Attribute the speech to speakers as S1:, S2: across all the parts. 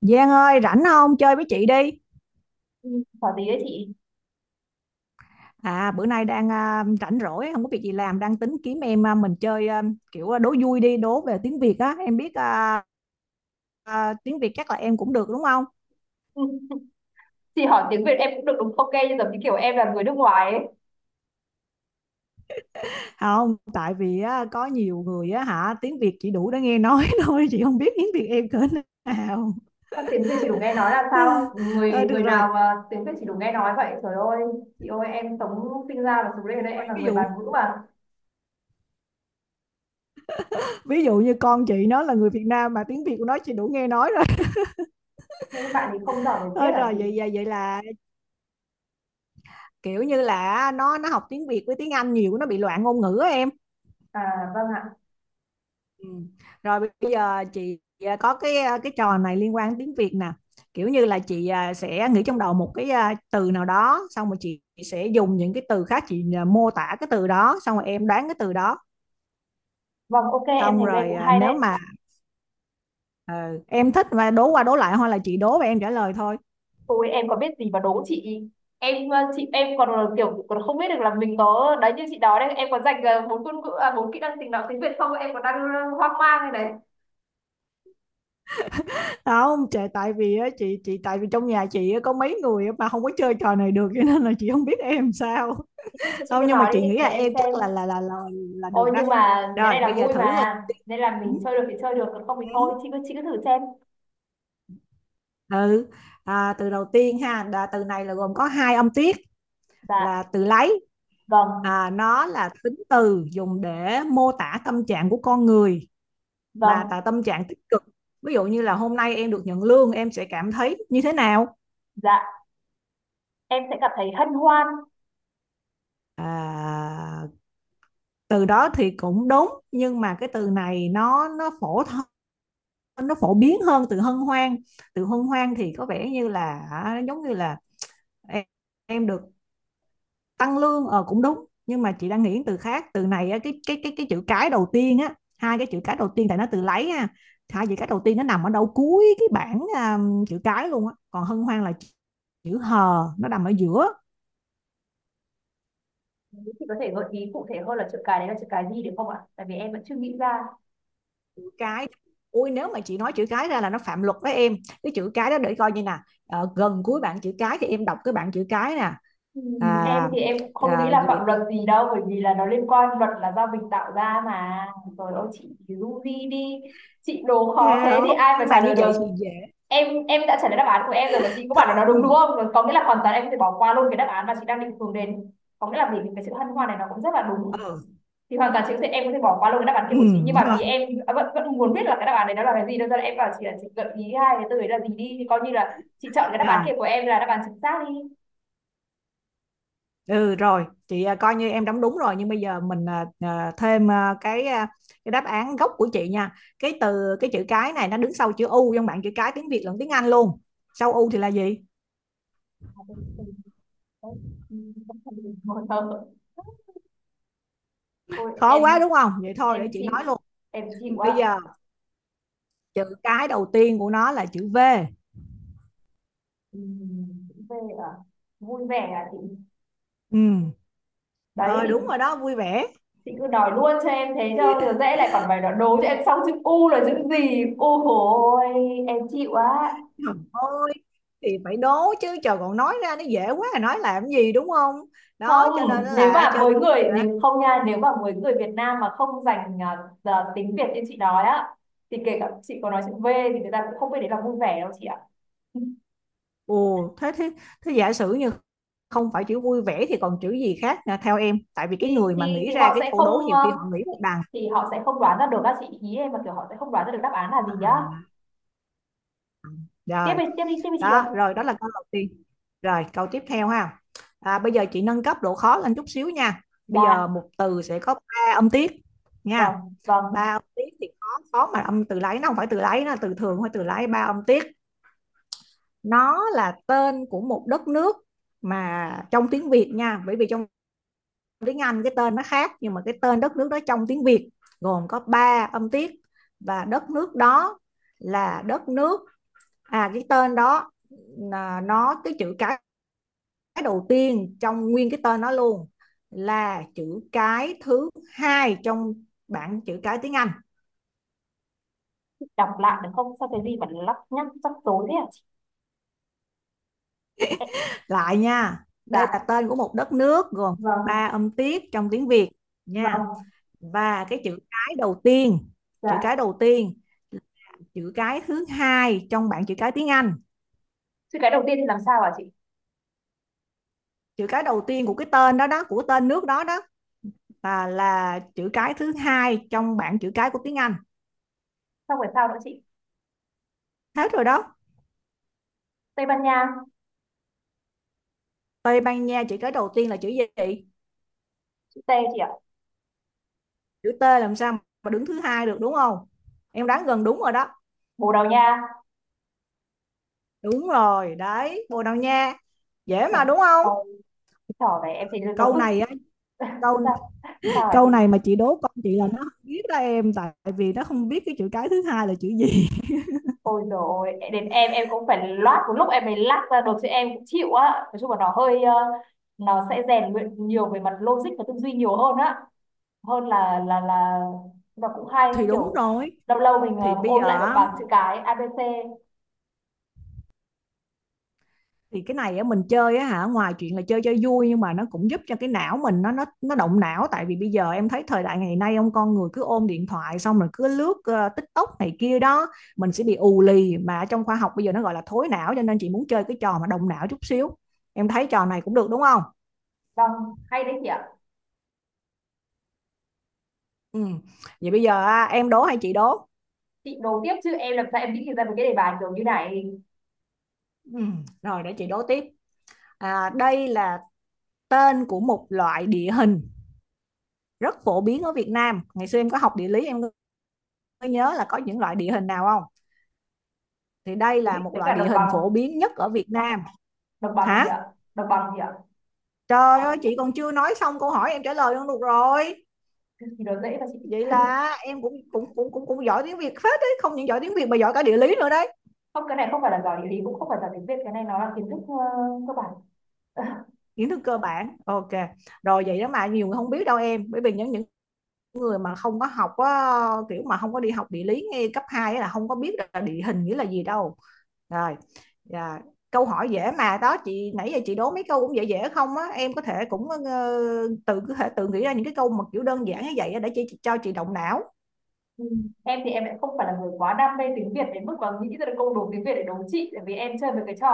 S1: Giang ơi, rảnh không? Chơi với chị đi.
S2: Ừ, Hỏi gì đấy chị.
S1: Bữa nay đang rảnh rỗi, không có việc gì làm, đang tính kiếm em mình chơi, đố vui đi, đố về tiếng Việt á. Tiếng Việt chắc là em cũng được đúng không?
S2: Chị hỏi tiếng Việt em cũng được, đúng ok, nhưng giống như kiểu em là người nước ngoài ấy.
S1: Không, tại vì á, có nhiều người á hả, tiếng Việt chỉ đủ để nghe nói thôi, chị không biết tiếng Việt em cỡ nào.
S2: Sao tiếng Việt chỉ đủ nghe nói là sao? Người
S1: Ờ,
S2: người
S1: được rồi,
S2: nào mà tiếng Việt chỉ đủ nghe nói vậy trời ơi. Chị ơi, em sống, sinh ra và sống lên ở đây, em là
S1: ví
S2: người
S1: dụ
S2: bản ngữ mà.
S1: ví dụ như con chị nó là người Việt Nam mà tiếng Việt của nó chỉ đủ nghe nói rồi.
S2: Thế các bạn thì không giỏi về viết
S1: Thôi. Ờ,
S2: à
S1: rồi,
S2: chị?
S1: vậy vậy vậy là kiểu như là nó học tiếng Việt với tiếng Anh nhiều, nó bị loạn ngôn ngữ á em.
S2: À vâng ạ.
S1: Ừ, rồi bây giờ chị có cái trò này liên quan đến tiếng Việt nè, kiểu như là chị sẽ nghĩ trong đầu một cái từ nào đó, xong rồi chị sẽ dùng những cái từ khác chị mô tả cái từ đó, xong rồi em đoán cái từ đó.
S2: Vâng ok, em
S1: Xong
S2: thấy nghe
S1: rồi,
S2: cũng hay
S1: nếu
S2: đấy.
S1: mà ờ, em thích mà đố qua đố lại, hoặc là chị đố và em trả lời thôi.
S2: Ôi em có biết gì mà đố chị. Em chị em còn là kiểu còn không biết được là mình có đấy, như chị nói đấy, em có dành bốn ngôn ngữ, à, bốn kỹ năng tình nói tiếng Việt không, em còn đang hoang mang này.
S1: Không trời, tại vì á, chị tại vì trong nhà chị á, có mấy người mà không có chơi trò này được, cho nên là chị không biết em sao.
S2: Chị cứ, chị
S1: Không,
S2: cứ
S1: nhưng mà
S2: nói
S1: chị
S2: đi
S1: nghĩ là
S2: để em
S1: em chắc
S2: xem.
S1: là được
S2: Ôi
S1: đó.
S2: nhưng mà cái
S1: Rồi
S2: này
S1: bây
S2: là
S1: giờ
S2: vui
S1: thử rồi.
S2: mà, nên là mình chơi được thì chơi được, còn không thì
S1: Ừ.
S2: thôi. Chị cứ thử xem.
S1: Ừ. Từ đầu tiên ha, là từ này là gồm có hai âm tiết,
S2: Dạ
S1: là từ lấy.
S2: vâng,
S1: Nó là tính từ dùng để mô tả tâm trạng của con người, mà là
S2: vâng
S1: tâm trạng tích cực. Ví dụ như là hôm nay em được nhận lương, em sẽ cảm thấy như thế nào?
S2: dạ. Em sẽ cảm thấy hân hoan.
S1: à, Từ đó thì cũng đúng, nhưng mà cái từ này nó phổ thông, nó phổ biến hơn từ hân hoan. Từ hân hoan thì có vẻ như là giống như là em, em được tăng lương, ờ cũng đúng, nhưng mà chị đang nghĩ từ khác. Từ này cái chữ cái đầu tiên á, hai cái chữ cái đầu tiên, tại nó từ lấy ha, hai chữ cái đầu tiên nó nằm ở đâu cuối cái bảng chữ cái luôn á. Còn hân hoan là chữ hờ nó nằm ở giữa
S2: Nếu chị có thể gợi ý cụ thể hơn là chữ cái đấy là chữ cái gì được không ạ? Tại vì em vẫn chưa nghĩ ra.
S1: chữ cái. Ui, nếu mà chị nói chữ cái ra là nó phạm luật với em. Cái chữ cái đó để coi như nè, ờ, gần cuối bảng chữ cái, thì em đọc cái bảng chữ cái nè.
S2: Em
S1: à,
S2: thì em cũng không nghĩ là
S1: Gì?
S2: phạm luật gì đâu, bởi vì là nó liên quan, luật là do mình tạo ra mà. Rồi ôi chị du di đi. Chị đố
S1: Ghê
S2: khó thế thì
S1: không?
S2: ai mà
S1: Nhưng mà
S2: trả
S1: như
S2: lời được.
S1: vậy thì dễ
S2: Em đã trả lời đáp án của em rồi mà chị có bảo là
S1: không?
S2: nó đúng, đúng không có nghĩa là hoàn toàn em có thể bỏ qua luôn cái đáp án mà chị đang định hướng đến, có nghĩa là vì cái sự hân hoan này nó cũng rất là đúng,
S1: Ừ,
S2: thì hoàn toàn chị có thể, em có thể bỏ qua luôn cái đáp án
S1: ừ,
S2: kia của chị, nhưng mà
S1: rồi,
S2: vì em vẫn vẫn muốn biết là cái đáp án đấy nó là cái gì, nên là em bảo chị là chị gợi ý hai cái từ đấy là gì đi, thì coi như là chị chọn cái đáp án kia
S1: rồi,
S2: của em là đáp án chính xác đi.
S1: ừ, rồi. Chị coi như em đóng đúng rồi. Nhưng bây giờ mình thêm cái đáp án gốc của chị nha. Cái từ, cái chữ cái này nó đứng sau chữ U, trong bảng chữ cái tiếng Việt lẫn tiếng Anh luôn. Sau U thì là gì?
S2: À, từ- ừ, vẫn còn bị mờ mờ. Ôi
S1: Khó quá
S2: em
S1: đúng không? Vậy thôi để
S2: em
S1: chị
S2: chịu,
S1: nói luôn.
S2: em chịu
S1: Bây
S2: á.
S1: giờ chữ cái đầu tiên của nó là chữ V.
S2: Ừ, về à, vui vẻ à chị?
S1: Ừ,
S2: Đấy
S1: rồi,
S2: thì
S1: đúng rồi đó, vui vẻ.
S2: chị cứ nói luôn cho em thế cho rồi, dễ lại còn phải nói đố cho em. Xong chữ u là chữ gì, u ôi, em chịu á.
S1: Thôi thì phải đố chứ trời, còn nói ra nó dễ quá, nói làm gì, đúng không? Đó
S2: Không,
S1: cho nên
S2: nếu
S1: là
S2: mà
S1: chơi.
S2: với người,
S1: Hả?
S2: nếu không nha, nếu mà với người Việt Nam mà không dành giờ tiếng Việt như chị nói á, thì kể cả chị có nói chữ V thì người ta cũng không biết đấy là vui vẻ đâu chị ạ.
S1: Ồ thế thế thế giả sử như không phải chữ vui vẻ thì còn chữ gì khác nè theo em, tại vì
S2: thì
S1: cái người mà
S2: thì
S1: nghĩ
S2: thì
S1: ra
S2: họ
S1: cái
S2: sẽ
S1: câu đố
S2: không
S1: nhiều khi họ nghĩ một đằng.
S2: thì họ sẽ không đoán ra được các chị ý em, mà kiểu họ sẽ không đoán ra được đáp án là
S1: à,
S2: gì á. tiếp
S1: Rồi.
S2: đi tiếp đi tiếp đi chị ơi.
S1: Đó là câu đầu tiên. Rồi câu tiếp theo ha, bây giờ chị nâng cấp độ khó lên chút xíu nha. Bây giờ
S2: Dạ
S1: một từ sẽ có ba âm tiết nha.
S2: vâng, vâng.
S1: Ba âm tiết thì khó. Khó mà âm từ lấy, nó không phải từ lấy, nó là từ thường thôi, từ lấy ba âm tiết. Nó là tên của một đất nước, mà trong tiếng Việt nha, bởi vì trong tiếng Anh cái tên nó khác, nhưng mà cái tên đất nước đó trong tiếng Việt gồm có ba âm tiết. Và đất nước đó là đất nước, à cái tên đó, nó cái chữ cái đầu tiên trong nguyên cái tên nó luôn là chữ cái thứ hai trong bảng chữ cái tiếng Anh.
S2: Đọc lại được không, sao cái gì mà lắc nhắc rắc rối thế hả chị?
S1: Lại nha, đây là
S2: Dạ
S1: tên của một đất nước gồm
S2: vâng,
S1: ba âm tiết trong tiếng Việt nha.
S2: vâng
S1: Và cái chữ cái đầu tiên, chữ
S2: dạ.
S1: cái đầu tiên, chữ cái thứ hai trong bảng chữ cái tiếng Anh.
S2: Chữ cái đầu tiên thì làm sao hả chị?
S1: Chữ cái đầu tiên của cái tên đó đó, của tên nước đó đó, là chữ cái thứ hai trong bảng chữ cái của tiếng Anh.
S2: Xong rồi sao nữa chị?
S1: Hết rồi đó.
S2: Tây Ban Nha.
S1: Tây Ban Nha? Chữ cái đầu tiên là chữ gì?
S2: Chữ T chị ạ.
S1: Chữ T, làm sao mà đứng thứ hai được đúng không? Em đoán gần đúng rồi đó.
S2: Bồ Đào Nha.
S1: Đúng rồi đấy, Bồ Đào Nha. Dễ
S2: Trời
S1: mà đúng không?
S2: ôi, cái trò này em thấy nó
S1: Câu
S2: cứ.
S1: này á, câu,
S2: Sao, sao hả chị?
S1: câu này mà chị đố con chị là nó không biết đó em, tại vì nó không biết cái chữ cái thứ hai là chữ gì.
S2: Ôi dồi ôi, đến em cũng phải loát một lúc em mới lát ra được chứ, em cũng chịu á. Nói chung là nó hơi nó sẽ rèn luyện nhiều về mặt logic và tư duy nhiều hơn á, hơn là là và cũng hay
S1: Thì đúng
S2: kiểu
S1: rồi,
S2: lâu lâu mình
S1: thì bây
S2: ôn lại
S1: giờ
S2: một
S1: á,
S2: bảng chữ cái ABC.
S1: thì cái này á mình chơi á hả, ngoài chuyện là chơi cho vui, nhưng mà nó cũng giúp cho cái não mình nó động não, tại vì bây giờ em thấy thời đại ngày nay ông con người cứ ôm điện thoại xong rồi cứ lướt TikTok này kia đó, mình sẽ bị ù lì, mà trong khoa học bây giờ nó gọi là thối não, cho nên chị muốn chơi cái trò mà động não chút xíu. Em thấy trò này cũng được đúng không?
S2: Vâng, hay đấy chị ạ.
S1: Ừ. Vậy bây giờ em đố hay chị đố?
S2: Chị đố tiếp chứ em làm sao em nghĩ được ra một cái đề bài kiểu như này.
S1: Ừ. Rồi để chị đố tiếp. À, đây là tên của một loại địa hình rất phổ biến ở Việt Nam. Ngày xưa em có học địa lý, em có nhớ là có những loại địa hình nào không? Thì đây là
S2: Đấy
S1: một
S2: với
S1: loại
S2: cả đồng
S1: địa hình
S2: bằng.
S1: phổ biến nhất ở Việt Nam.
S2: Đồng bằng gì
S1: Hả?
S2: ạ? Đồng bằng gì ạ?
S1: Trời ơi, chị còn chưa nói xong câu hỏi em trả lời luôn được rồi.
S2: Thì gì đó dễ mà chị.
S1: Vậy là em cũng cũng cũng cũng cũng giỏi tiếng Việt phết đấy, không những giỏi tiếng Việt mà giỏi cả địa lý nữa đấy.
S2: Không, cái này không phải là giỏi địa lý, cũng không phải giỏi tiếng Việt, cái này nó là kiến thức cơ bản.
S1: Kiến thức cơ bản. Ok. Rồi vậy đó mà nhiều người không biết đâu em, bởi vì những người mà không có học á, kiểu mà không có đi học địa lý ngay cấp 2 là không có biết là địa hình nghĩa là gì đâu. Rồi, dạ. Câu hỏi dễ mà đó chị, nãy giờ chị đố mấy câu cũng dễ dễ không á, em có thể cũng tự có thể tự nghĩ ra những cái câu mà kiểu đơn giản như vậy á, để chị cho chị động não.
S2: Ừ. Em thì em lại không phải là người quá đam mê tiếng Việt đến mức mà nghĩ ra được câu đố tiếng Việt để đố chị, tại vì em chơi mấy cái trò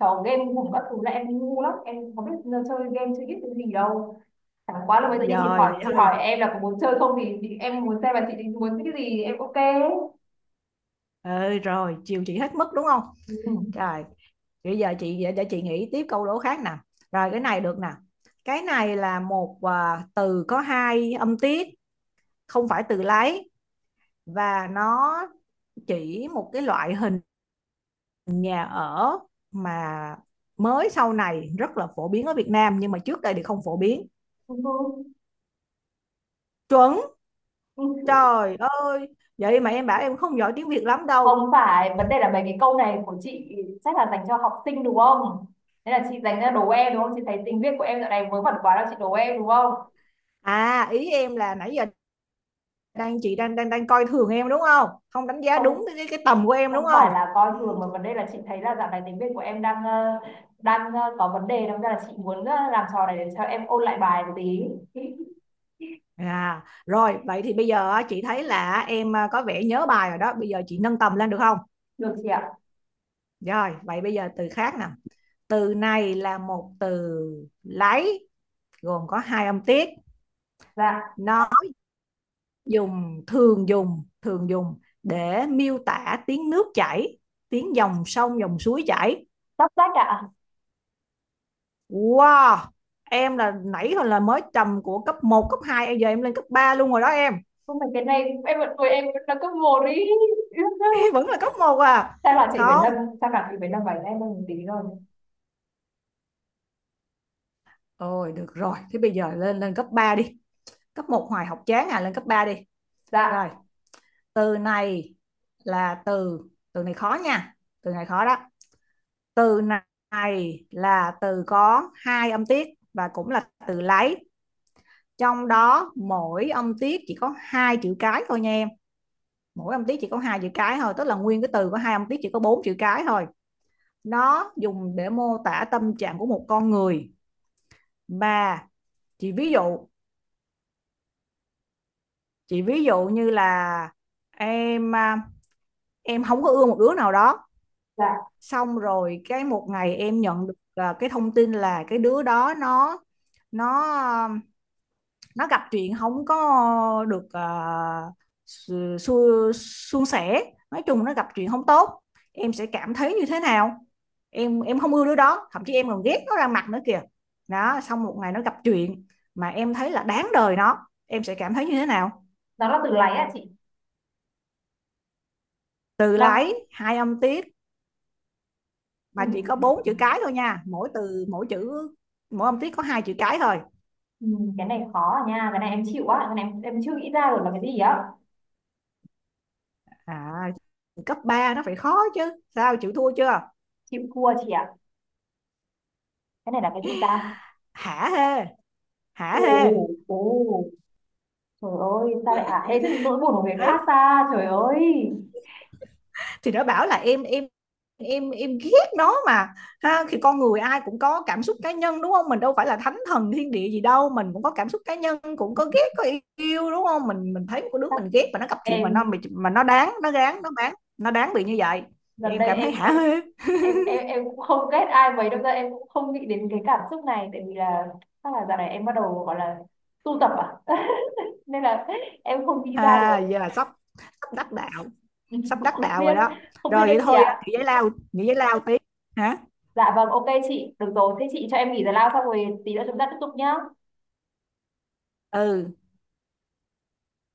S2: trò game hùng các thứ là em ngu lắm, em không biết chơi game, chơi biết cái gì đâu. Chẳng quá là bây giờ như chị
S1: Rồi
S2: hỏi,
S1: vậy
S2: chị
S1: thôi,
S2: hỏi em là có muốn chơi không, thì em muốn xem là chị định muốn cái gì, em ok.
S1: ừ, rồi chiều chị hết mức đúng không.
S2: Ừ.
S1: Rồi bây giờ chị để chị nghĩ tiếp câu đố khác nè. Rồi cái này được nè, cái này là một từ có hai âm tiết, không phải từ lái, và nó chỉ một cái loại hình nhà ở mà mới sau này rất là phổ biến ở Việt Nam, nhưng mà trước đây thì không phổ biến.
S2: Ừ.
S1: Chuẩn.
S2: Ừ.
S1: Trời ơi, vậy mà em bảo em không giỏi tiếng Việt lắm
S2: Không,
S1: đâu.
S2: phải vấn đề là mấy cái câu này của chị chắc là dành cho học sinh đúng không, thế là chị dành ra đố em đúng không, chị thấy tiếng Việt của em dạo này vớ vẩn quá đâu, chị đố em đúng không.
S1: À ý em là nãy giờ đang chị đang đang đang coi thường em đúng không, không đánh giá
S2: Không,
S1: đúng tầm của em đúng
S2: không
S1: không.
S2: phải là coi thường, mà vấn đề là chị thấy là dạo này tiếng Việt của em đang đang có vấn đề, đâm ra là chị muốn làm trò này để cho em ôn lại bài một tí.
S1: À rồi vậy thì bây giờ á, chị thấy là em có vẻ nhớ bài rồi đó, bây giờ chị nâng tầm lên được không?
S2: Được chị ạ.
S1: Rồi vậy bây giờ từ khác nè. Từ này là một từ lấy, gồm có hai âm tiết,
S2: Dạ.
S1: nó dùng thường dùng để miêu tả tiếng nước chảy, tiếng dòng sông dòng suối chảy.
S2: Sắp sách ạ.
S1: Wow, em là nãy hồi là mới trầm của cấp một cấp hai, em giờ em lên cấp 3 luôn rồi đó em.
S2: Không phải, cái này em vẫn tuổi, em vẫn là cấp một đi.
S1: Em vẫn là cấp một à?
S2: chắc là chị phải
S1: Không,
S2: nâng chắc là chị phải nâng bài em lên một tí rồi.
S1: ôi được rồi, thế bây giờ lên lên cấp 3 đi, cấp một hoài học chán à, lên cấp 3 đi. Rồi,
S2: Dạ.
S1: từ này là từ, từ này khó nha, từ này khó đó. Từ này là từ có hai âm tiết và cũng là từ lấy, trong đó mỗi âm tiết chỉ có hai chữ cái thôi nha em. Mỗi âm tiết chỉ có hai chữ cái thôi, tức là nguyên cái từ có hai âm tiết chỉ có bốn chữ cái thôi. Nó dùng để mô tả tâm trạng của một con người mà, chị ví dụ, chị ví dụ như là em em không có ưa một đứa nào đó,
S2: Dạ.
S1: xong rồi cái một ngày em nhận được cái thông tin là cái đứa đó nó um, nó gặp chuyện không có được à, su, su, suôn sẻ, nói chung nó gặp chuyện không tốt, em sẽ cảm thấy như thế nào? Em không ưa đứa đó, thậm chí em còn ghét nó ra mặt nữa kìa. Đó, xong một ngày nó gặp chuyện mà em thấy là đáng đời nó, em sẽ cảm thấy như thế nào?
S2: Nó là từ láy ạ chị.
S1: Từ
S2: Đọc.
S1: lái hai âm tiết
S2: Ừ.
S1: mà chỉ có bốn chữ cái thôi nha, mỗi âm tiết có hai chữ cái thôi.
S2: Ừ, cái này khó à nha, cái này em chịu á, cái này em chưa nghĩ ra được là cái gì á.
S1: À cấp 3 nó phải khó chứ, sao chịu thua chưa?
S2: Chịu thua chị ạ. Cái này là cái gì ta?
S1: Hả hê, hả
S2: Ồ.
S1: hê.
S2: Ồ. Trời ơi, sao lại hả hê trên nỗi buồn của người
S1: Đấy,
S2: khác ta, trời ơi.
S1: thì nó bảo là em ghét nó mà. Ha thì con người ai cũng có cảm xúc cá nhân đúng không, mình đâu phải là thánh thần thiên địa gì đâu, mình cũng có cảm xúc cá nhân, cũng có ghét có yêu đúng không, mình thấy một đứa mình ghét mà nó gặp chuyện mà nó
S2: em
S1: mà nó đáng nó gán nó bán nó đáng bị như vậy, thì
S2: gần
S1: em
S2: đây
S1: cảm thấy
S2: em
S1: hả
S2: em
S1: hê.
S2: em em cũng không ghét ai mấy đâu ra, em cũng không nghĩ đến cái cảm xúc này, tại vì là chắc là dạo này em bắt đầu gọi là tu tập, à. Nên là em không nghĩ ra
S1: À
S2: được.
S1: giờ sắp, sắp đắc đạo,
S2: Ừ,
S1: sắp
S2: cũng
S1: đắc
S2: không
S1: đạo rồi
S2: biết.
S1: đó.
S2: Không biết
S1: Rồi
S2: nữa
S1: vậy
S2: chị
S1: thôi á,
S2: ạ.
S1: nghỉ giải lao tí, hả?
S2: Dạ vâng ok chị, được rồi thế chị cho em nghỉ giải lao xong rồi tí nữa chúng ta tiếp tục nhá.
S1: Ừ.